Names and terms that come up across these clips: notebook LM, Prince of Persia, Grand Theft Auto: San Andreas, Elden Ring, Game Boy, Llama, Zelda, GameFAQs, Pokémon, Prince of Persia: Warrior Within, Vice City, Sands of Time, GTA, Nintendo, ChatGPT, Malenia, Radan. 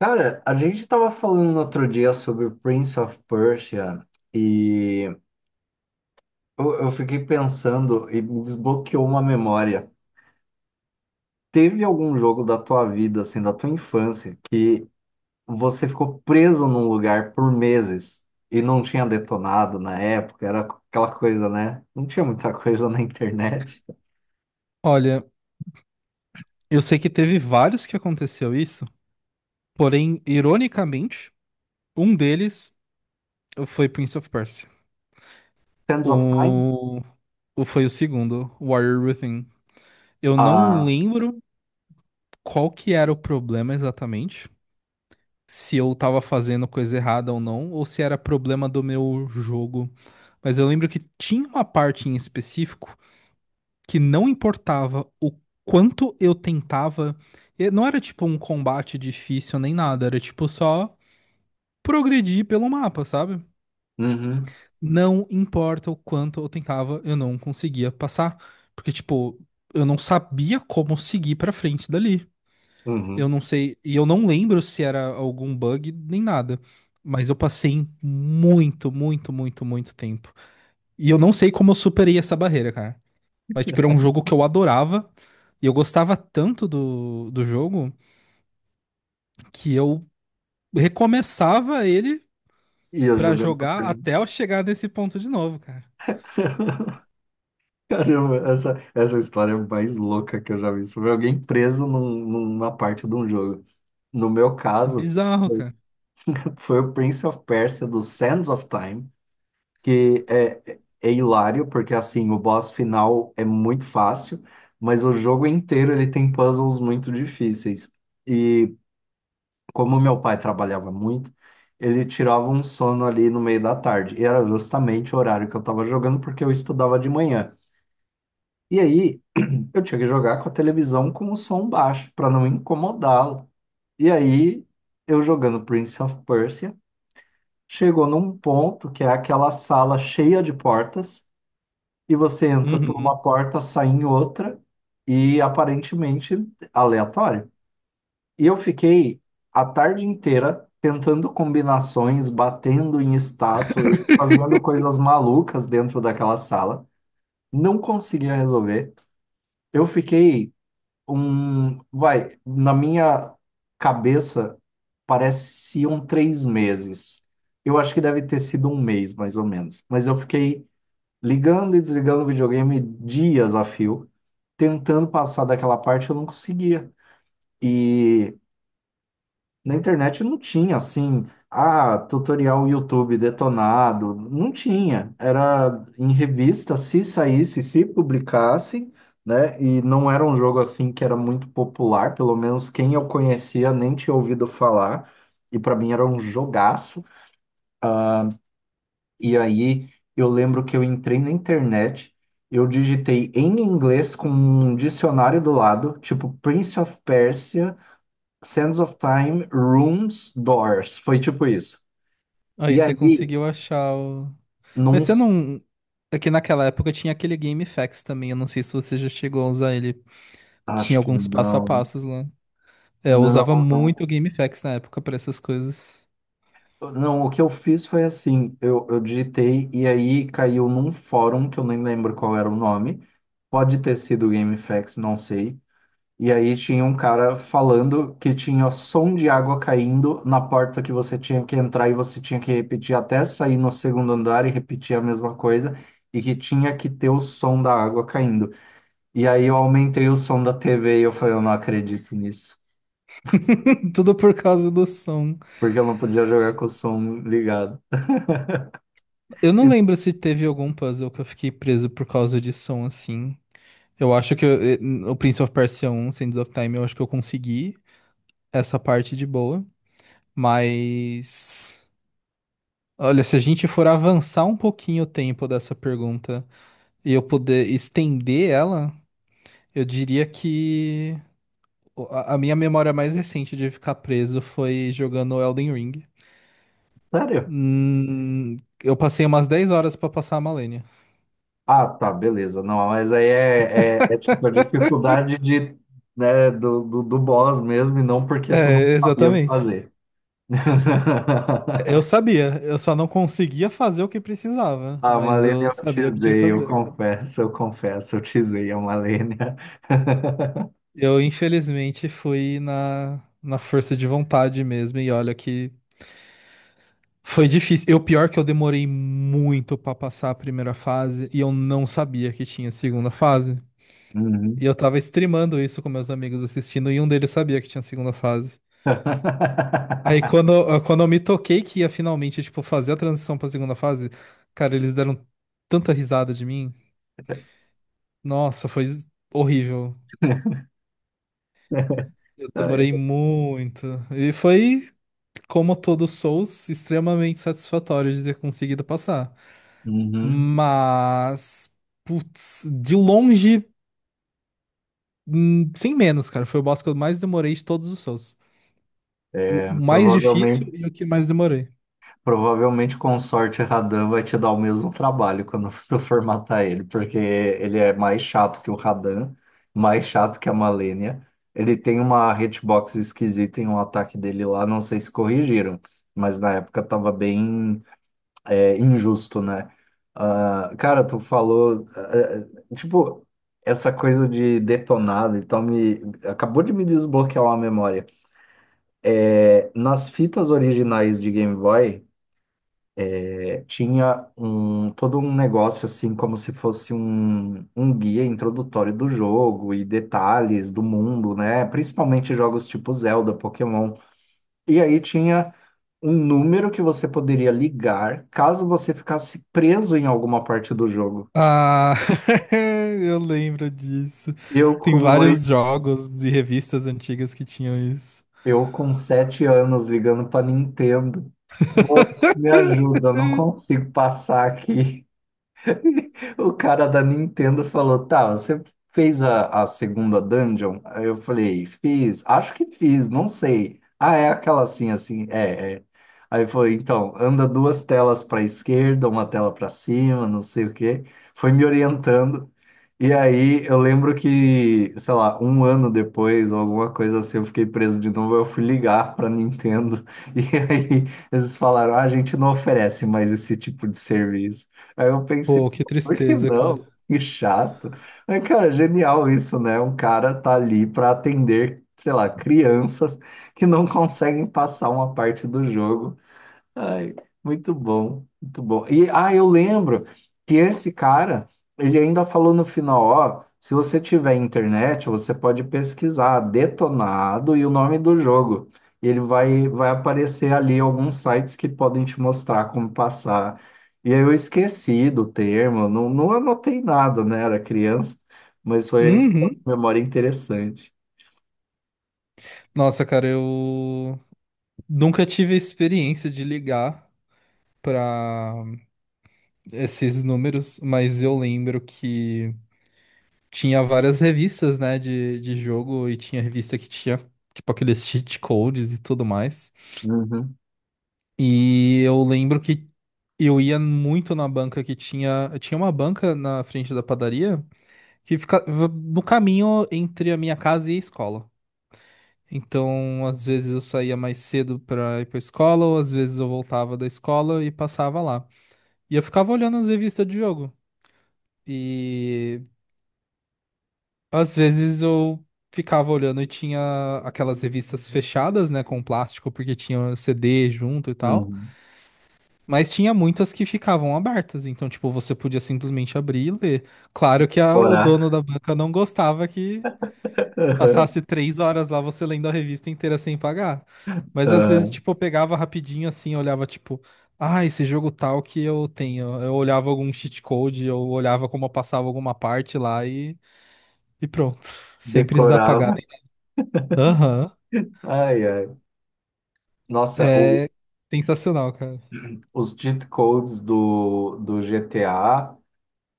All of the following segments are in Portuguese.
Cara, a gente tava falando no outro dia sobre o Prince of Persia e eu fiquei pensando e me desbloqueou uma memória. Teve algum jogo da tua vida, assim, da tua infância, que você ficou preso num lugar por meses e não tinha detonado na época? Era aquela coisa, né? Não tinha muita coisa na internet. Olha, eu sei que teve vários que aconteceu isso, porém, ironicamente, um deles foi Prince of Persia. Sands of Time? O... Foi o segundo, Warrior Within. Eu não Ah, lembro qual que era o problema exatamente, se eu tava fazendo coisa errada ou não, ou se era problema do meu jogo. Mas eu lembro que tinha uma parte em específico que não importava o quanto eu tentava. Não era tipo um combate difícil nem nada, era tipo só progredir pelo mapa, sabe? uhum, Não importa o quanto eu tentava, eu não conseguia passar. Porque, tipo, eu não sabia como seguir pra frente dali. Eu uhum. não sei, e eu não lembro se era algum bug nem nada. Mas eu passei muito, muito, muito, muito tempo. E eu não sei como eu superei essa barreira, cara. Mas, tipo, era um jogo que eu adorava. E eu gostava tanto do jogo que eu recomeçava ele E eu pra jogando. Pra jogar até eu chegar nesse ponto de novo, cara. Caramba, essa história é mais louca que eu já vi sobre alguém preso num- numa parte de um jogo. No meu É caso, bizarro, cara. foi o Prince of Persia do Sands of Time, que é hilário, porque assim, o boss final é muito fácil, mas o jogo inteiro ele tem puzzles muito difíceis. E como meu pai trabalhava muito, ele tirava um sono ali no meio da tarde, e era justamente o horário que eu estava jogando, porque eu estudava de manhã. E aí, eu tinha que jogar com a televisão com o som baixo, para não incomodá-lo. E aí, eu jogando Prince of Persia, chegou num ponto que é aquela sala cheia de portas, e você entra por Uhum. uma porta, sai em outra, e aparentemente aleatório. E eu fiquei a tarde inteira tentando combinações, batendo em estátua, fazendo coisas malucas dentro daquela sala. Não conseguia resolver. Eu fiquei um, vai, na minha cabeça pareciam três meses. Eu acho que deve ter sido um mês, mais ou menos. Mas eu fiquei ligando e desligando o videogame dias a fio, tentando passar daquela parte, eu não conseguia. E na internet não tinha assim, ah, tutorial YouTube detonado, não tinha. Era em revista, se saísse, se publicasse, né? E não era um jogo assim que era muito popular, pelo menos quem eu conhecia nem tinha ouvido falar, e para mim era um jogaço. E aí eu lembro que eu entrei na internet, eu digitei em inglês com um dicionário do lado, tipo Prince of Persia, Sands of Time, Rooms, Doors. Foi tipo isso. Aí E você aí, conseguiu achar o. não, Mas você não. É que naquela época tinha aquele GameFAQs também. Eu não sei se você já chegou a usar ele. Tinha acho que alguns passo a não. passos lá. É, eu usava Não, muito o GameFAQs na época pra essas coisas. não, não. O que eu fiz foi assim: eu digitei e aí caiu num fórum que eu nem lembro qual era o nome. Pode ter sido GameFAQs, não sei. E aí tinha um cara falando que tinha som de água caindo na porta que você tinha que entrar e você tinha que repetir até sair no segundo andar e repetir a mesma coisa. E que tinha que ter o som da água caindo. E aí eu aumentei o som da TV e eu falei, eu não acredito nisso. Tudo por causa do som. Porque eu não podia jogar com o som ligado. Eu E, não lembro se teve algum puzzle que eu fiquei preso por causa de som assim. Eu acho que o Prince of Persia 1, Sands of Time, eu acho que eu consegui essa parte de boa. Mas. Olha, se a gente for avançar um pouquinho o tempo dessa pergunta e eu puder estender ela, eu diria que o- a minha memória mais recente de ficar preso foi jogando Elden Ring. sério? Hum, eu passei umas 10 horas pra passar a Malenia. Ah, tá, beleza. Não, mas aí é tipo a dificuldade de, né, do boss mesmo, e não porque tu não É, sabia o que exatamente. fazer. Eu sabia, eu só não conseguia fazer o que precisava, A mas eu Malenia eu sabia o que tinha que tisei, eu fazer. confesso, eu confesso, eu tisei a Malenia. Eu, infelizmente, fui na força de vontade mesmo, e olha que foi difícil. Eu, pior que eu demorei muito pra passar a primeira fase e eu não sabia que tinha segunda fase. E Uhum. eu tava streamando isso com meus amigos assistindo e um deles sabia que tinha segunda fase. Aí quando, quando eu me toquei que ia finalmente, tipo, fazer a transição pra segunda fase, cara, eles deram tanta risada de mim. Nossa, foi horrível. Eu Ai. demorei muito. E foi, como todo Souls, extremamente satisfatório de ter conseguido passar. Uhum. Mas, putz, de longe, sem menos, cara. Foi o boss que eu mais demorei de todos os Souls. O É, mais difícil provavelmente. e o que mais demorei. Provavelmente com sorte Radan vai te dar o mesmo trabalho quando tu formatar ele, porque ele é mais chato que o Radan, mais chato que a Malenia. Ele tem uma hitbox esquisita em um ataque dele lá, não sei se corrigiram, mas na época tava bem injusto, né? Ah, cara, tu falou, tipo, essa coisa de detonado, então me acabou de me desbloquear uma memória. É, nas fitas originais de Game Boy tinha um todo um negócio assim como se fosse um guia introdutório do jogo e detalhes do mundo, né? Principalmente jogos tipo Zelda, Pokémon. E aí tinha um número que você poderia ligar caso você ficasse preso em alguma parte do jogo. Ah, eu lembro disso. Eu Tem com oito, vários jogos e revistas antigas que tinham isso. eu com sete anos ligando para Nintendo. Moço, me ajuda, eu não consigo passar aqui. O cara da Nintendo falou: Tá, você fez a segunda dungeon? Aí eu falei: Fiz, acho que fiz, não sei. Ah, é aquela assim, assim, é, é. Aí foi: Então, anda duas telas para esquerda, uma tela para cima, não sei o quê. Foi me orientando. E aí eu lembro que, sei lá, um ano depois, ou alguma coisa assim, eu fiquei preso de novo. Eu fui ligar para Nintendo. E aí eles falaram: ah, a gente não oferece mais esse tipo de serviço. Aí eu pensei, Pô, que por que tristeza, cara. não? Que chato. Mas, cara, genial isso, né? Um cara tá ali para atender, sei lá, crianças que não conseguem passar uma parte do jogo. Ai, muito bom, muito bom. E ah, eu lembro que esse cara, ele ainda falou no final, ó, se você tiver internet, você pode pesquisar Detonado e o nome do jogo. Ele vai aparecer ali alguns sites que podem te mostrar como passar. E aí eu esqueci do termo, não, não anotei nada, né? Era criança, mas foi, foi Uhum. uma memória interessante. Nossa, cara, eu nunca tive a experiência de ligar pra esses números, mas eu lembro que tinha várias revistas, né, de jogo, e tinha revista que tinha, tipo, aqueles cheat codes e tudo mais. Uhum, E eu lembro que eu ia muito na banca que tinha. Tinha uma banca na frente da padaria que ficava no caminho entre a minha casa e a escola. Então, às vezes eu saía mais cedo pra ir pra escola, ou às vezes eu voltava da escola e passava lá. E eu ficava olhando as revistas de jogo. E às vezes eu ficava olhando e tinha aquelas revistas fechadas, né, com plástico, porque tinha CD junto e tal. uhum. Mas tinha muitas que ficavam abertas, então, tipo, você podia simplesmente abrir e ler. Claro que o dono Orar, da banca não gostava que passasse 3 horas lá você lendo a revista inteira sem pagar. Mas às vezes, aham, tipo, eu pegava rapidinho assim, olhava, tipo, ah, esse jogo tal que eu tenho. Eu olhava algum cheat code, eu olhava como eu passava alguma parte lá e pronto. Sempre pagar. decorava. Aham. Ai, ai. Nossa, o- É sensacional, cara. os cheat codes do GTA,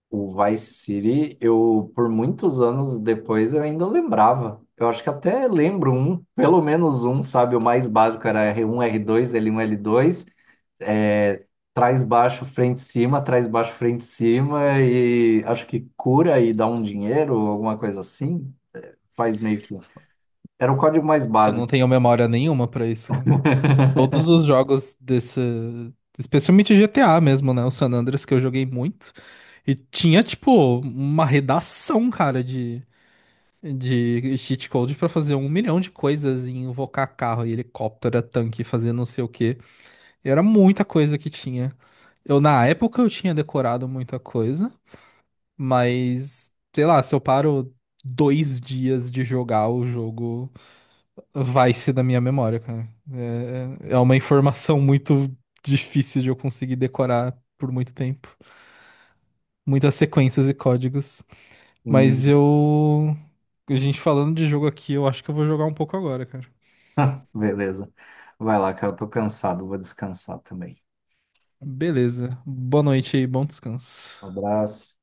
o Vice City, eu por muitos anos depois eu ainda lembrava. Eu acho que até lembro um, pelo menos um, sabe? O mais básico era R1, R2, L1, L2, é, trás baixo, frente cima, trás baixo, frente cima, e acho que cura e dá um dinheiro, alguma coisa assim. Faz meio que. Era o código mais Se eu básico. não tenho memória nenhuma pra isso, cara. Todos os jogos desse. Especialmente GTA mesmo, né? O San Andreas que eu joguei muito. E tinha, tipo, uma redação, cara, de cheat code pra fazer um milhão de coisas e invocar carro e helicóptero, tanque, fazer não sei o quê. Era muita coisa que tinha. Eu, na época, eu tinha decorado muita coisa. Mas, sei lá, se eu paro 2 dias de jogar, o jogo vai-se da minha memória, cara. É, é uma informação muito difícil de eu conseguir decorar por muito tempo. Muitas sequências e códigos. Mas Hum, eu. A gente falando de jogo aqui, eu acho que eu vou jogar um pouco agora, cara. beleza. Vai lá, cara, eu tô cansado, vou descansar também. Beleza. Boa noite aí, bom descanso. Um abraço.